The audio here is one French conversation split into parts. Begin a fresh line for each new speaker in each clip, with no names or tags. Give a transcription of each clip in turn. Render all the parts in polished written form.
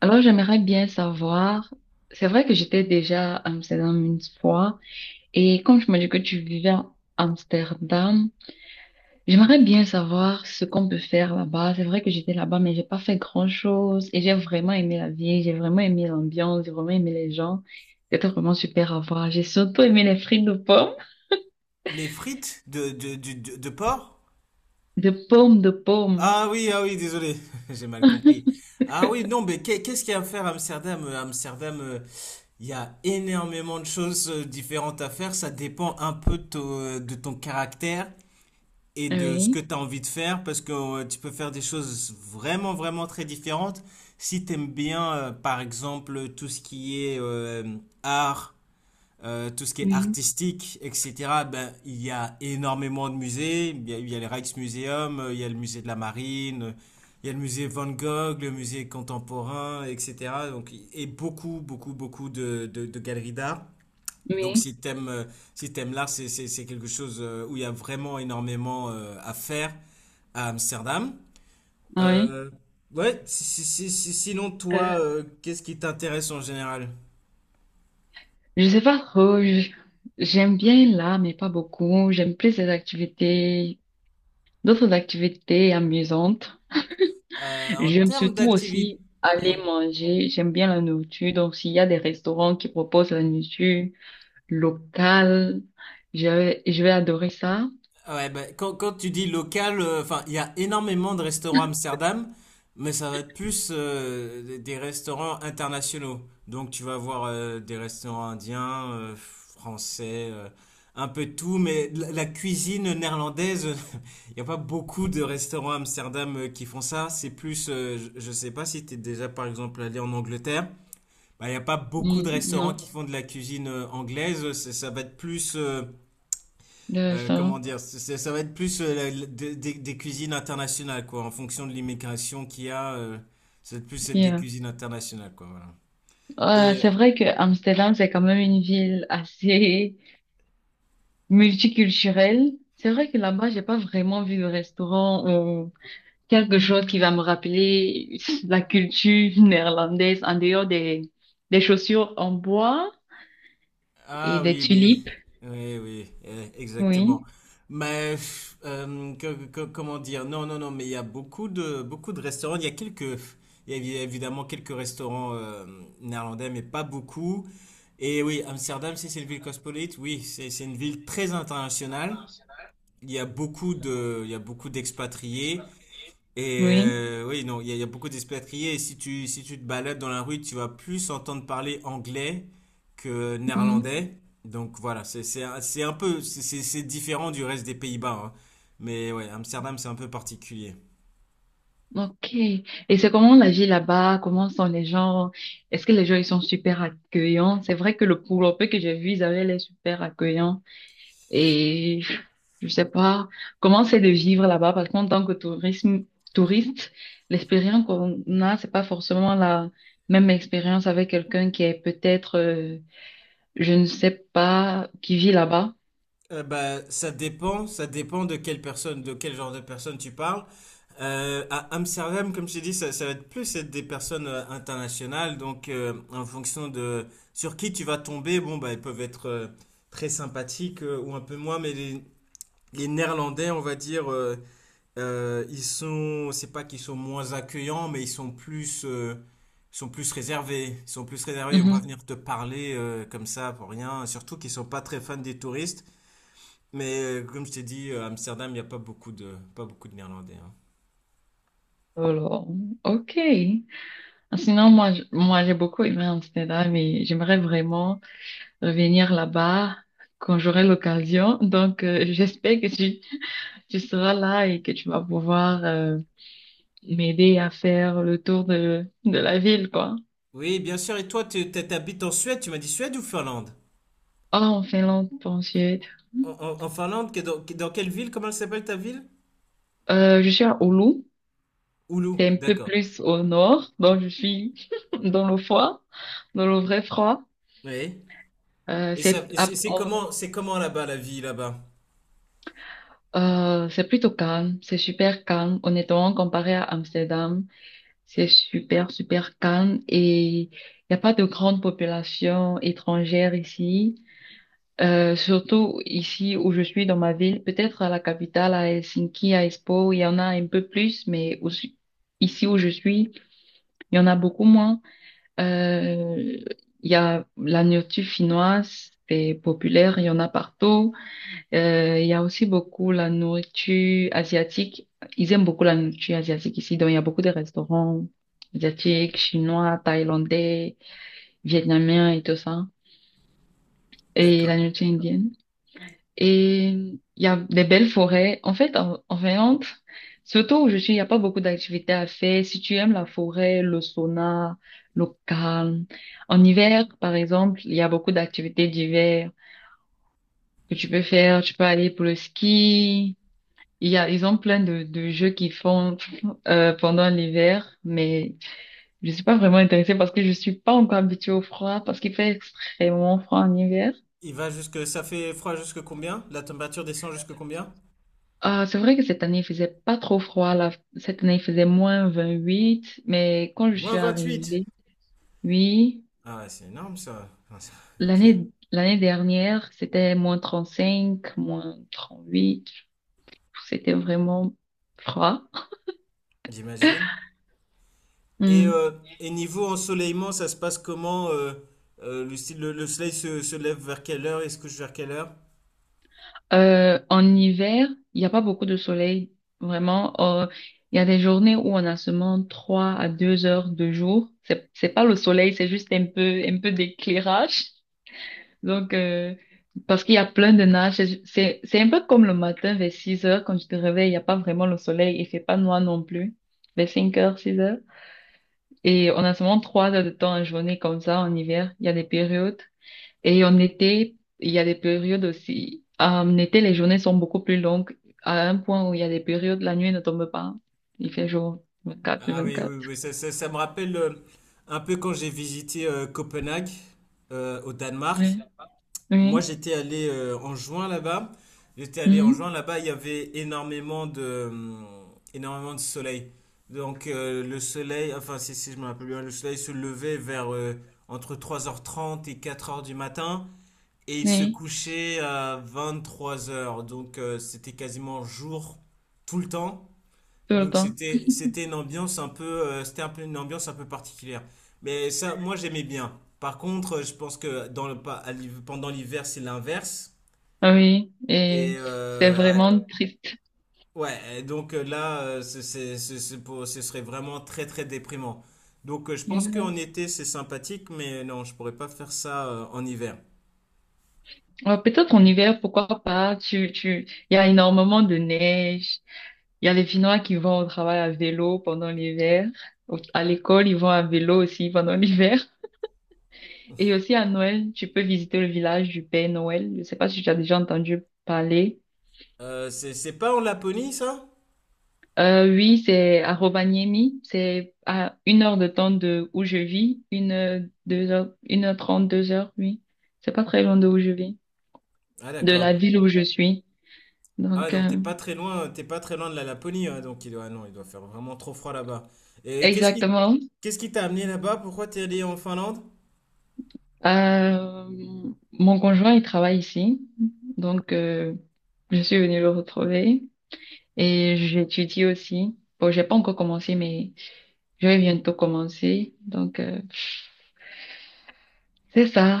Alors, j'aimerais bien savoir, c'est vrai que j'étais déjà à Amsterdam une fois, et quand tu m'as dit que tu vivais à Amsterdam, j'aimerais bien savoir ce qu'on peut faire là-bas. C'est vrai que j'étais là-bas, mais j'ai pas fait grand-chose, et j'ai vraiment aimé la vie, j'ai vraiment aimé l'ambiance, j'ai vraiment aimé les gens. C'était vraiment super à voir. J'ai surtout aimé les frites de pommes,
Les frites de porc?
de pommes, de pommes.
Ah oui, ah oui, désolé, j'ai mal compris. Ah oui, non, mais qu'est-ce qu'il y a à faire à Amsterdam? Amsterdam, il y a énormément de choses différentes à faire. Ça dépend un peu de ton caractère et de ce
Oui,
que tu as envie de faire, parce que tu peux faire des choses vraiment, vraiment très différentes. Si tu aimes bien, par exemple, tout ce qui est art, tout ce qui est
oui.
artistique, etc. Ben, il y a énormément de musées. Il y a le Rijksmuseum, il y a le musée de la Marine, il y a le musée Van Gogh, le musée contemporain, etc. Donc, et beaucoup, beaucoup, beaucoup de galeries d'art. Donc,
Oui,
si t'aimes l'art, c'est quelque chose où il y a vraiment énormément à faire à Amsterdam.
ah
Euh, ouais, sinon, toi,
oui.
qu'est-ce qui t'intéresse en général?
Je sais pas trop, j'aime bien l'art, mais pas beaucoup. J'aime plus les activités, d'autres activités amusantes.
En
J'aime
termes
surtout
d'activité.
aussi aller manger. J'aime bien la nourriture. Donc, s'il y a des restaurants qui proposent la nourriture locale, je vais adorer ça.
Ah ouais, bah, quand tu dis local, enfin, il y a énormément de restaurants à Amsterdam, mais ça va être plus des restaurants internationaux. Donc tu vas avoir des restaurants indiens, français, un peu de tout, mais la cuisine néerlandaise, il n'y a pas beaucoup de restaurants à Amsterdam qui font ça. C'est plus, je ne sais pas si tu es déjà par exemple allé en Angleterre, bah, il n'y a pas beaucoup
Mm,
de restaurants
non,
qui font de la cuisine anglaise. Ça va être plus... euh,
de
euh,
ça.
comment dire, ça va être plus des cuisines internationales, quoi, en fonction de l'immigration qu'il y a, ça va être plus être des
Yeah.
cuisines internationales, quoi, voilà.
Ah, c'est
Et,
vrai que Amsterdam, c'est quand même une ville assez multiculturelle. C'est vrai que là-bas, j'ai pas vraiment vu de restaurant, quelque chose qui va me rappeler la culture néerlandaise en dehors des chaussures en bois et
ah
des
oui,
tulipes.
oui, oui, exactement.
Oui,
Mais, comment dire, non, non, non, mais il y a beaucoup de restaurants, il y a quelques, il y a évi- évidemment quelques restaurants néerlandais, mais pas beaucoup. Et oui, Amsterdam, si c'est une ville cosmopolite, oui, c'est une ville très internationale. Il y a beaucoup d'expatriés. Et
oui.
euh, oui, non, il y a beaucoup d'expatriés. Et si tu te balades dans la rue, tu vas plus entendre parler anglais que
Mhm.
néerlandais. Donc voilà, c'est un peu, c'est différent du reste des Pays-Bas, hein. Mais ouais, Amsterdam, c'est un peu particulier.
Ok. Et c'est comment la vie là-bas? Comment sont les gens? Est-ce que les gens ils sont super accueillants? C'est vrai que le peu que j'ai vu, ils avaient l'air super accueillants. Et je sais pas comment c'est de vivre là-bas parce qu'en tant que tourisme, touriste, l'expérience qu'on a, c'est pas forcément la même expérience avec quelqu'un qui est peut-être, je ne sais pas, qui vit là-bas.
Bah, ça dépend de quel genre de personne tu parles. À Amsterdam, comme je t'ai dit, ça va être plus être des personnes internationales. Donc, en fonction de sur qui tu vas tomber, bon, bah, ils peuvent être très sympathiques ou un peu moins. Mais les Néerlandais, on va dire, c'est pas qu'ils sont moins accueillants, mais ils sont plus réservés. Ils sont plus réservés. Ils vont pas
Mhm.
venir te parler comme ça pour rien. Surtout qu'ils sont pas très fans des touristes. Mais comme je t'ai dit, Amsterdam, il n'y a pas beaucoup de Néerlandais, hein.
Alors, ok. Sinon, j'ai beaucoup aimé Amsterdam et j'aimerais vraiment revenir là-bas quand j'aurai l'occasion. Donc, j'espère que tu seras là et que tu vas pouvoir, m'aider à faire le tour de la ville, quoi.
Oui, bien sûr. Et toi, tu t'habites en Suède? Tu m'as dit Suède ou Finlande?
Oh, en Finlande, pas en Suède.
En Finlande, dans quelle ville? Comment elle s'appelle ta ville?
Je suis à Oulu, c'est
Oulu.
un peu
D'accord.
plus au nord, donc je suis dans le froid, dans le vrai froid.
Oui.
Euh,
Et ça,
c'est
et
à-
c'est c'est
en-
comment, c'est comment là-bas, la vie là-bas?
c'est plutôt calme, c'est super calme. Honnêtement, comparé à Amsterdam, c'est super, super calme et il n'y a pas de grande population étrangère ici. Surtout ici où je suis dans ma ville, peut-être à la capitale, à Helsinki, à Espoo, il y en a un peu plus, mais aussi, ici où je suis, il y en a beaucoup moins. Euh, il y a la nourriture finnoise, c'est populaire, il y en a partout. Il y a aussi beaucoup la nourriture asiatique. Ils aiment beaucoup la nourriture asiatique ici, donc il y a beaucoup de restaurants asiatiques, chinois, thaïlandais, vietnamiens et tout ça. Et la
D'accord.
nourriture indienne. Et il y a des belles forêts. En fait, en Finlande, surtout où je suis, il n'y a pas beaucoup d'activités à faire. Si tu aimes la forêt, le sauna, le calme. En hiver, par exemple, il y a beaucoup d'activités d'hiver que tu peux faire. Tu peux aller pour le ski. Ils ont plein de jeux qu'ils font pendant l'hiver, mais je suis pas vraiment intéressée parce que je suis pas encore habituée au froid, parce qu'il fait extrêmement froid en hiver.
Ça fait froid jusque combien? La température descend jusque combien?
Ah, c'est vrai que cette année, il faisait pas trop froid là. Cette année, il faisait moins 28, mais quand je
Moins
suis
28.
arrivée, oui,
Ah ouais, c'est énorme ça. Ok,
l'année dernière, c'était moins 35, moins 38. C'était vraiment froid.
j'imagine. Et,
Hmm.
euh, et niveau ensoleillement, ça se passe comment, le soleil se lève vers quelle heure et se couche vers quelle heure?
En hiver, il n'y a pas beaucoup de soleil, vraiment. Il y a des journées où on a seulement 3 à 2 heures de jour. C'est pas le soleil, c'est juste un peu d'éclairage. Donc, parce qu'il y a plein de nuages, c'est un peu comme le matin vers 6 heures quand tu te réveilles, il n'y a pas vraiment le soleil, il fait pas noir non plus, vers 5 heures, 6 heures. Et on a seulement 3 heures de temps en journée comme ça en hiver, il y a des périodes. Et en été, il y a des périodes aussi. Ah, en été, les journées sont beaucoup plus longues, à un point où il y a des périodes, la nuit ne tombe pas. Il fait jour vingt-quatre sur
Ah oui, oui,
vingt-quatre
oui, ça me rappelle un peu quand j'ai visité Copenhague au Danemark.
Oui,
Moi,
oui,
j'étais allé en juin là-bas. J'étais allé en
mhm.
juin là-bas, il y avait énormément de soleil. Donc le soleil, enfin si je me rappelle bien, le soleil se levait vers entre 3h30 et 4h du matin. Et il se
Oui,
couchait à 23h, donc c'était quasiment jour tout le temps.
tout le
Donc
temps.
c'était un peu une ambiance un peu particulière. Mais ça moi j'aimais bien. Par contre, je pense que dans le pa- à l'hiv- pendant l'hiver, c'est l'inverse
Ah oui,
et
et c'est
euh, ouais,
vraiment triste.
ouais, et donc là ce serait vraiment très très déprimant. Donc je pense qu'en
Exact.
été c'est sympathique mais non, je pourrais pas faire ça en hiver.
Ouais, peut-être en hiver, pourquoi pas. Il y a énormément de neige. Il y a les Finnois qui vont au travail à vélo pendant l'hiver. À l'école, ils vont à vélo aussi pendant l'hiver. Et aussi à Noël, tu peux visiter le village du Père Noël. Je ne sais pas si tu as déjà entendu parler.
C'est pas en Laponie ça?
Oui, c'est à Rovaniemi. C'est à une heure de temps de où je vis. Une heure, deux heures, une heure trente, deux heures, oui. C'est pas très loin de où je vis.
Ah
De
d'accord.
la ville où je suis.
Ah
Donc,
donc t'es pas très loin, t'es pas très loin de la Laponie, hein, donc ah non, il doit faire vraiment trop froid là-bas. Et qu'est-ce qui,
exactement.
qu'est-ce qui t'a amené là-bas? Pourquoi t'es allé en Finlande?
Euh, Mon conjoint, il travaille ici, donc je suis venue le retrouver et j'étudie aussi. Bon, j'ai pas encore commencé, mais je vais bientôt commencer. Donc c'est ça,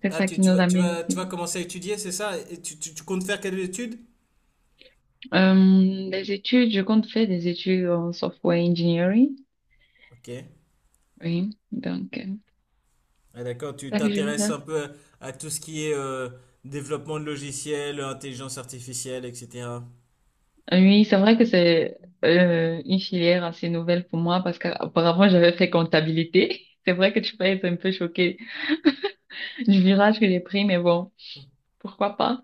c'est
Ah
ça
tu,
qui nous
tu vas, tu
amène
vas, tu vas
ici.
commencer à étudier, c'est ça? Et tu comptes faire quelles études?
Les études, je compte faire des études en software engineering.
Ok.
Oui, donc
Ah, d'accord, tu
c'est ça que je veux
t'intéresses
faire.
un peu à tout ce qui est développement de logiciels, intelligence artificielle, etc.
Oui, c'est vrai que c'est une filière assez nouvelle pour moi parce qu'auparavant j'avais fait comptabilité. C'est vrai que tu peux être un peu choqué du virage que j'ai pris, mais bon, pourquoi pas?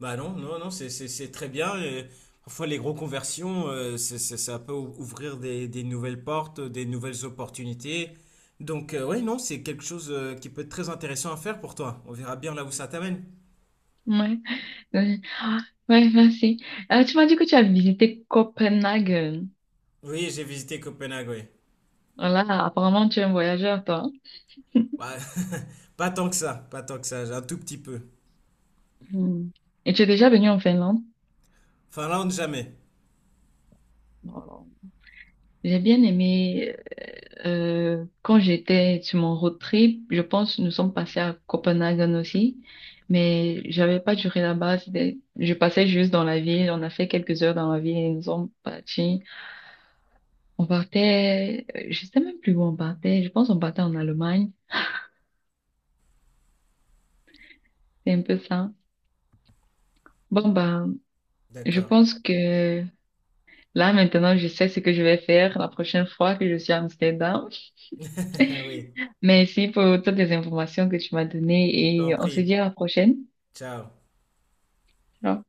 Bah non, non, non, c'est très bien. Et parfois, les gros conversions, ça peut ouvrir des nouvelles portes, des nouvelles opportunités. Donc, ouais, non, c'est quelque chose qui peut être très intéressant à faire pour toi. On verra bien là où ça t'amène.
Ouais, oui. Ah, ouais, merci. Tu m'as dit que tu as visité Copenhague.
Oui, j'ai visité Copenhague, oui.
Voilà, apparemment tu es un voyageur, toi.
Ouais, pas tant que ça, pas tant que ça, j'ai un tout petit peu.
Hmm. Et tu es déjà venu en Finlande?
Finlande, jamais.
Bon, j'ai bien aimé, quand j'étais sur mon road trip, je pense que nous sommes passés à Copenhague aussi, mais j'avais pas duré là-bas. Je passais juste dans la ville, on a fait quelques heures dans la ville et nous sommes partis. On partait, je sais même plus où on partait. Je pense qu'on partait en Allemagne. C'est un peu ça. Bon, ben, je
D'accord.
pense que là, maintenant, je sais ce que je vais faire la prochaine fois que je suis à Amsterdam.
Oui,
Merci pour toutes les informations que tu m'as données et on se
compris.
dit à la prochaine.
Ciao.
Alors.